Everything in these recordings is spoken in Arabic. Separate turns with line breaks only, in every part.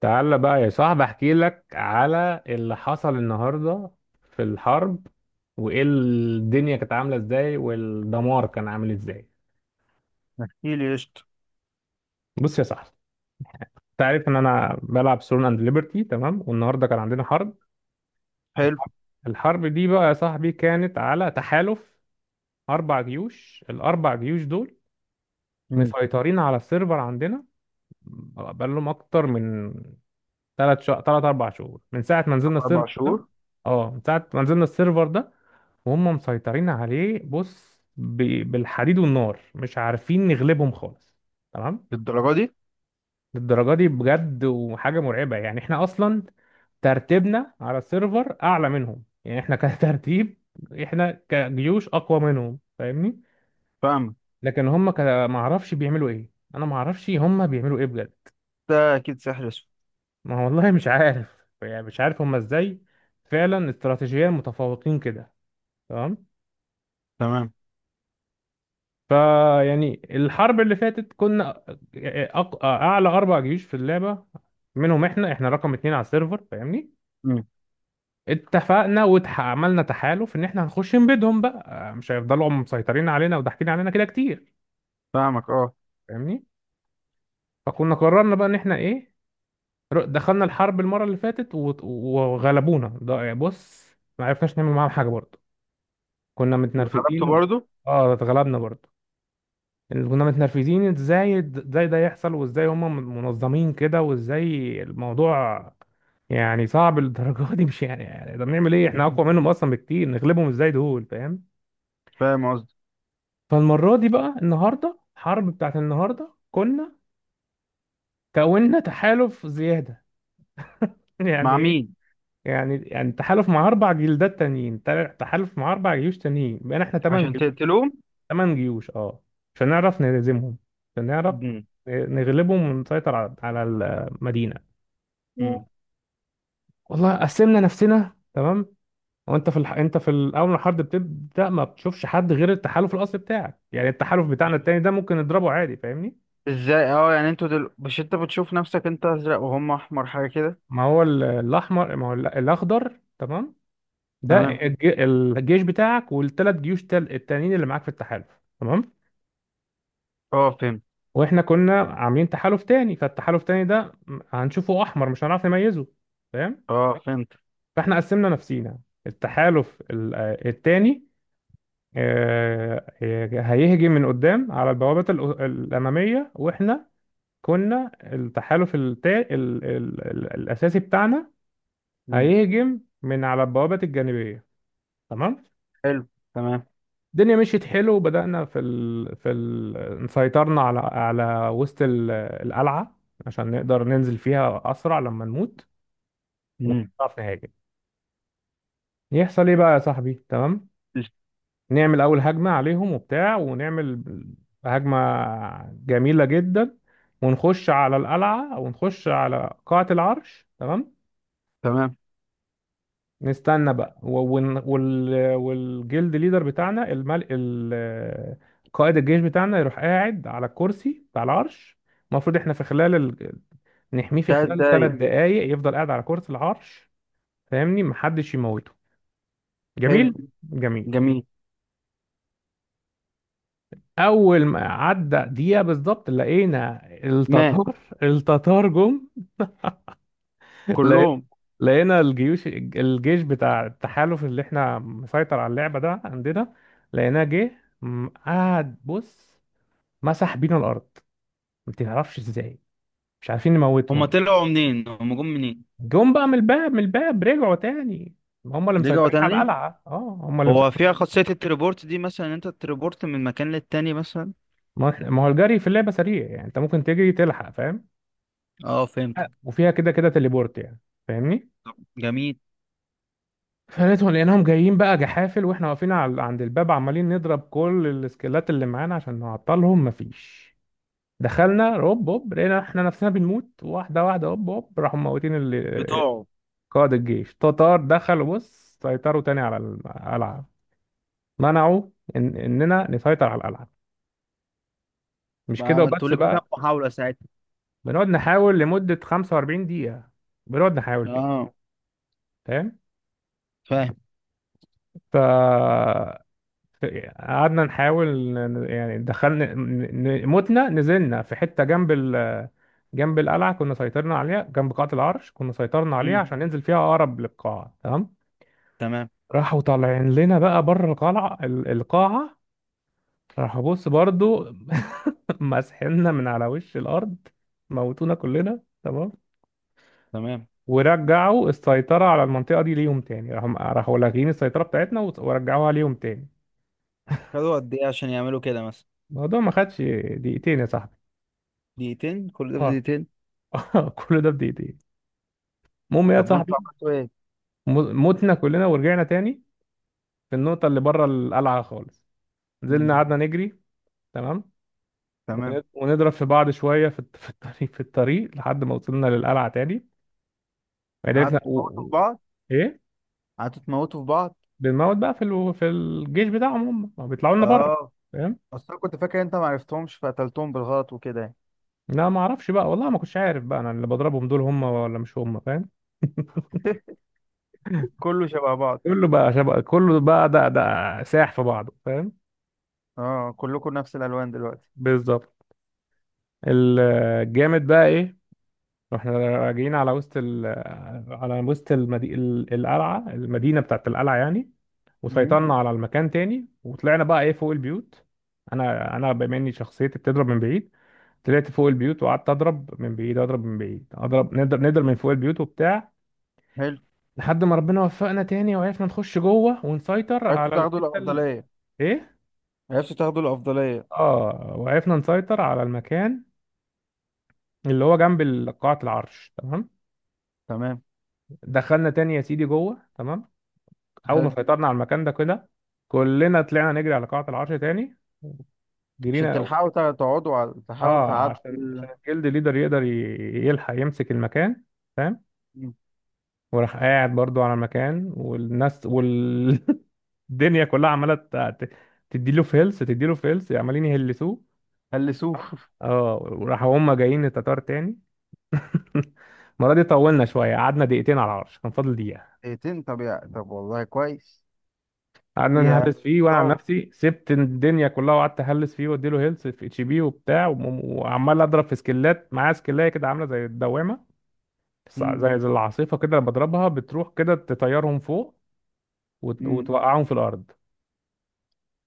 تعالى بقى يا صاحبي، احكي لك على اللي حصل النهارده في الحرب، وايه الدنيا كانت عامله ازاي والدمار كان عامل ازاي.
احكي لي قشطة.
بص يا صاحبي، انت عارف ان انا بلعب سون اند ليبرتي، تمام؟ والنهارده كان عندنا حرب.
حلو.
الحرب دي بقى يا صاحبي كانت على تحالف اربع جيوش. الاربع جيوش دول
مم.
مسيطرين على السيرفر عندنا بقالهم اكتر من 3 شهور، ثلاث اربع شهور، من ساعه ما نزلنا
قطع أربع
السيرفر ده.
شهور
اه، من ساعه ما نزلنا السيرفر ده وهم مسيطرين عليه. بص، بالحديد والنار، مش عارفين نغلبهم خالص، تمام؟
للدرجة دي.
للدرجة دي بجد، وحاجة مرعبة. يعني احنا اصلا ترتيبنا على السيرفر اعلى منهم، يعني احنا كترتيب، احنا كجيوش اقوى منهم، فاهمني؟
فاهمك.
لكن هم ما اعرفش بيعملوا ايه. انا ما اعرفش هم بيعملوا ايه بجد.
ده أكيد سحر أسود.
ما والله مش عارف. يعني مش عارف هم ازاي فعلا استراتيجيا متفوقين كده، تمام.
تمام.
فيعني الحرب اللي فاتت كنا اعلى اربع جيوش في اللعبه، منهم احنا رقم اتنين على السيرفر، فاهمني؟
مم.
اتفقنا وعملنا تحالف ان احنا هنخش نبيدهم بقى، مش هيفضلوا هم مسيطرين علينا وضاحكين علينا كده كتير،
فاهمك، أه.
فاهمني؟ فكنا قررنا بقى ان احنا ايه، دخلنا الحرب المره اللي فاتت و- وغلبونا. ده بص، ما عرفناش نعمل معاهم حاجه برضه، كنا
ضربته
متنرفزين.
برضه.
اه، اتغلبنا برضه. اللي كنا متنرفزين ازاي ده يحصل، وازاي هم منظمين كده، وازاي الموضوع يعني صعب للدرجه دي. مش يعني، يعني ده بنعمل ايه؟ احنا اقوى منهم اصلا بكتير، نغلبهم ازاي دول؟ فاهم؟
فاهم قصدي.
فالمره دي بقى النهارده، الحرب بتاعت النهارده كنا كوننا تحالف زياده. يعني
مع
ايه؟
مين؟
يعني تحالف مع اربع جلدات تانيين، تحالف مع اربع جيوش تانيين، بقينا احنا
عشان تقتلوه.
تمن جيوش، اه، عشان نعرف نهزمهم، عشان نعرف
مم.
نغلبهم ونسيطر على المدينه.
مم.
والله قسمنا نفسنا، تمام. انت في الاول ما الحرب بتبدا ما بتشوفش حد غير التحالف الاصلي بتاعك، يعني التحالف بتاعنا التاني ده ممكن نضربه عادي، فاهمني؟
ازاي؟ اه، يعني انتوا مش انت بتشوف نفسك انت ازرق وهم احمر حاجه كده.
ما هو ال- الاحمر ما هو الاخضر تمام. ده،
تمام.
اه، الجيش بتاعك والثلاث جيوش التانيين اللي معاك في التحالف، تمام.
اه، فهمت.
واحنا كنا عاملين تحالف تاني، فالتحالف التاني ده هنشوفه احمر، مش هنعرف نميزه، فاهم؟
اه، فهمت.
فاحنا قسمنا نفسينا. التحالف التاني هيهجم من قدام على البوابة الأمامية، وإحنا كنا التحالف التا... ال... ال... ال... الأساسي بتاعنا
مم.
هيهجم من على البوابة الجانبية، تمام.
حلو. تمام.
الدنيا مشيت حلو، وبدأنا سيطرنا على وسط القلعة، عشان نقدر ننزل فيها أسرع لما نموت
مم.
ونعرف نهاجم. يحصل إيه بقى يا صاحبي؟ تمام، نعمل اول هجمه عليهم وبتاع، ونعمل هجمه جميله جدا، ونخش على القلعه ونخش على قاعه العرش، تمام.
تمام.
نستنى بقى والجلد ليدر بتاعنا، قائد الجيش بتاعنا، يروح قاعد على الكرسي بتاع العرش. المفروض احنا في خلال نحميه في
تلات
خلال ثلاث
دقايق
دقائق يفضل قاعد على كرسي العرش، فاهمني؟ محدش يموته. جميل
حلو.
جميل.
جميل.
اول ما عدى دقيقه بالظبط، لقينا
مات
التتار. التتار جم. لقي-
كلهم.
لقينا الجيش بتاع التحالف اللي احنا مسيطر على اللعبه ده عندنا، لقيناه جه. قعد بص، مسح بينا الارض، ما تعرفش ازاي، مش عارفين
هما
نموتهم.
طلعوا منين؟ هما جم منين؟
جم بقى من الباب، رجعوا تاني. هم اللي
رجعوا
مسيطرين على
تاني.
القلعه، اه، هم اللي
هو
مسيطرين.
فيها خاصية التليبورت دي مثلا، إن انت تليبورت من مكان للتاني مثلا.
ما هو الجري في اللعبه سريع، يعني انت ممكن تجري تلحق، فاهم؟
اه، فهمت.
وفيها كده كده تليبورت يعني، فاهمني؟
طب، جميل.
لقيناهم جايين بقى جحافل، واحنا واقفين عند الباب، عمالين نضرب كل السكيلات اللي معانا عشان نعطلهم، مفيش. دخلنا هوب هوب، لقينا احنا نفسنا بنموت واحده واحده، هوب هوب راحوا موتين
بتوعه.
قائد الجيش. تتار دخلوا بص، سيطروا تاني على القلعه، منعوا إن اننا نسيطر على القلعه. مش
بقى
كده
ما انتوا
وبس
ليكوا كام
بقى.
محاولة ساعتها؟
بنقعد نحاول لمده 45 دقيقه، بنقعد نحاول فيها،
اه،
فاهم؟
فاهم.
ف قعدنا نحاول، يعني دخلنا متنا. نزلنا في حتة جنب جنب القلعة كنا سيطرنا عليها، جنب قاعة العرش كنا سيطرنا عليها
امم.
عشان ننزل فيها أقرب للقاعة، تمام.
تمام.
راحوا طالعين لنا بقى بره القلعة القاعة. راحوا بص برضو مسحنا من على وش الأرض، موتونا كلنا، تمام.
تمام.
ورجعوا السيطرة على المنطقة دي ليهم تاني. راحوا لاغين السيطرة بتاعتنا ورجعوها ليهم تاني.
خدوا قد ايه عشان يعملوا كده مثلا؟
الموضوع ما خدش دقيقتين يا صاحبي.
دقيقتين؟ كل ده في دقيقتين؟
كل ده بإيديه. المهم يا
طب وانتوا
صاحبي،
عملتوا ايه؟
متنا كلنا ورجعنا تاني في النقطة اللي بره القلعة خالص، نزلنا
امم.
قعدنا نجري، تمام.
تمام.
ون- ونضرب في بعض شوية في الطريق، لحد ما وصلنا للقلعة تاني. بعدين عرفنا
قعدتوا تموتوا في بعض.
إيه،
قعدتوا تموتوا في بعض.
بنموت بقى في في الجيش بتاعهم، هم ما بيطلعوا لنا بره،
اه.
فاهم؟
اصل أنا كنت فاكر انت ما عرفتهمش فقتلتهم بالغلط وكده يعني.
لا، ما اعرفش بقى والله، ما كنتش عارف بقى انا اللي بضربهم دول هم ولا مش هم، فاهم؟
كله شبه بعض.
كله بقى شبه، كله بقى ده ساح في بعضه، فاهم؟
اه، كلكم نفس الالوان دلوقتي.
بالظبط. الجامد بقى ايه؟ رحنا راجعين على وسط على وسط القلعة، المدينة بتاعت القلعة يعني،
امم.
وسيطرنا على المكان تاني، وطلعنا بقى ايه فوق البيوت. انا بما اني شخصيتي بتضرب من بعيد، طلعت فوق البيوت وقعدت اضرب من بعيد، اضرب من بعيد، اضرب، نقدر من فوق البيوت وبتاع.
حلو.
لحد ما ربنا وفقنا تاني وعرفنا نخش جوه ونسيطر
عرفتوا
على
تاخدوا
الحتة اللي
الافضلية.
ايه،
عرفتوا تاخدوا الأفضلية.
اه، وعرفنا نسيطر على المكان اللي هو جنب قاعة العرش، تمام.
تمام.
دخلنا تاني يا سيدي جوه، تمام. اول ما
حلو.
سيطرنا على المكان ده كده، كلنا طلعنا نجري على قاعة العرش تاني.
عشان
جرينا،
تلحقوا تقعدوا على تحاولوا
اه،
تعدوا.
عشان الجلد ليدر يقدر يلحق يمسك المكان، فاهم؟
مم.
وراح قاعد برضو على المكان، والناس والدنيا كلها عماله تديله في هيلث، تديله في هيلث، عمالين يهلسوه.
هلسوه.
اه وراحوا هم جايين التتار تاني. المره دي طولنا شويه، قعدنا دقيقتين على العرش، كان فاضل دقيقه.
دقيقتين؟ طب والله كويس.
قعدنا
فيها
نهلس فيه، وانا عن
تطور.
نفسي سبت الدنيا كلها وقعدت اهلس فيه واديله هيلث في HP وبتاع، وم- وعمال اضرب في سكلات، معاه سكلايه كده عامله زي الدوامه.
مم.
زي العاصفه كده لما بضربها بتروح كده تطيرهم فوق وت-
مم.
وتوقعهم في الارض.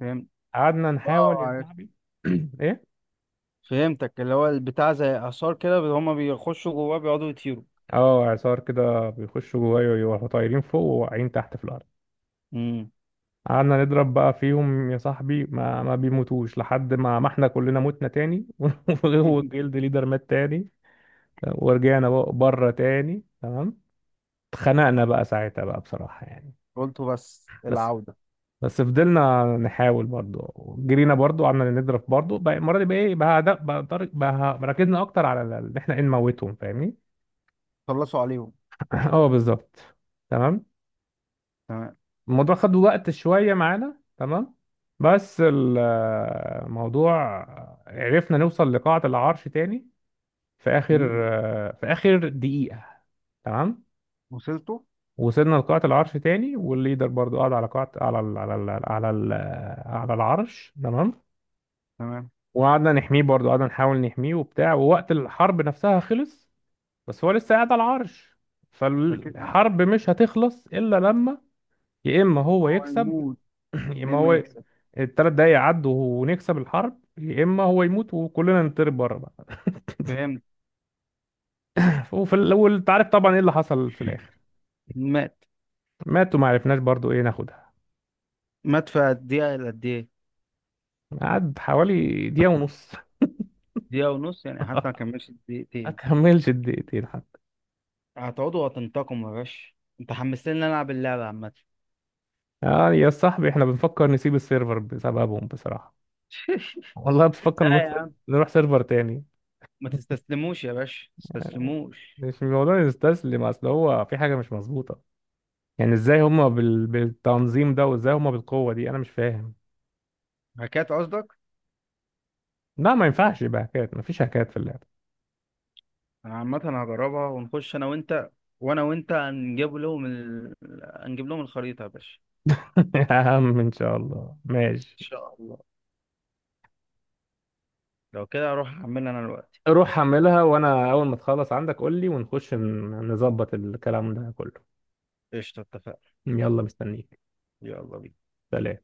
فهمت.
قعدنا
اه،
نحاول يا
عرفت.
صاحبي. ايه،
فهمتك، اللي هو البتاع زي آثار كده هما بيخشوا جواه بيقعدوا يطيروا.
اه، اعصار كده بيخشوا جوايا ويروحوا طايرين فوق وواقعين تحت في الارض.
مم.
قعدنا نضرب بقى فيهم يا صاحبي، ما بيموتوش لحد ما احنا كلنا متنا تاني. والجلد ليدر مات تاني، ورجعنا بقى بره تاني، تمام. اتخنقنا بقى ساعتها بقى بصراحة يعني.
قلتوا بس
بس
العودة.
بس فضلنا نحاول برضو، جرينا برضو، قعدنا نضرب برضو بقى. المرة دي بقى ايه بقى ركزنا اكتر على ان احنا ايه نموتهم، فاهمني؟
خلصوا عليهم.
اه، بالظبط، تمام.
تمام.
الموضوع خد وقت شوية معانا، تمام. بس الموضوع، عرفنا نوصل لقاعة العرش تاني، في اخر،
مم.
دقيقة، تمام.
وصلتوا.
وصلنا لقاعة العرش تاني، والليدر برضو قعد على قاعة على العرش، تمام.
تمام.
وقعدنا نحميه برضو، قعدنا نحاول نحميه وبتاع، ووقت الحرب نفسها خلص، بس هو لسه قاعد على العرش،
فكده.
فالحرب مش هتخلص إلا لما يا إما هو
هو
يكسب
هيموت.
يا إما
لما
هو
يكسب.
التلات دقايق يعدوا ونكسب الحرب، يا إما هو يموت وكلنا نضرب بره بقى.
فهمت.
وفي الأول أنت عارف طبعا إيه اللي حصل في الآخر.
مات.
ماتوا، ما عرفناش برضو إيه ناخدها.
مات في قد ايه إلى قد ايه؟
قعد حوالي دقيقة ونص.
دقيقة ونص؟ يعني حتى ما كملش
ما
دقيقتين.
كملش الدقيقتين حتى.
هتقعدوا وهتنتقموا يا باشا. انت حمستني ان انا العب اللعبة عامة.
اه يا صاحبي، احنا بنفكر نسيب السيرفر بسببهم بصراحة. والله بتفكر
لا
نروح
يا عم.
نروح سيرفر تاني.
ما تستسلموش يا باشا. ما تستسلموش.
مش الموضوع يستسلم، اصل هو في حاجة مش مظبوطة. يعني ازاي هما بالتنظيم ده، وازاي هما بالقوة دي، انا مش فاهم.
هكات قصدك؟
لا، ما ينفعش يبقى هكات، مفيش هكات في اللعبة.
انا عامة هجربها ونخش انا وانت. وانا وانت هنجيب لهم هنجيب لهم الخريطة يا باشا.
يا عم، ان شاء الله،
ان
ماشي.
شاء الله. لو كده اروح اعملها انا دلوقتي.
روح حملها، وانا اول ما تخلص عندك قول لي ونخش نظبط الكلام ده كله.
قشطة، اتفقنا.
يلا مستنيك.
يلا بينا.
سلام.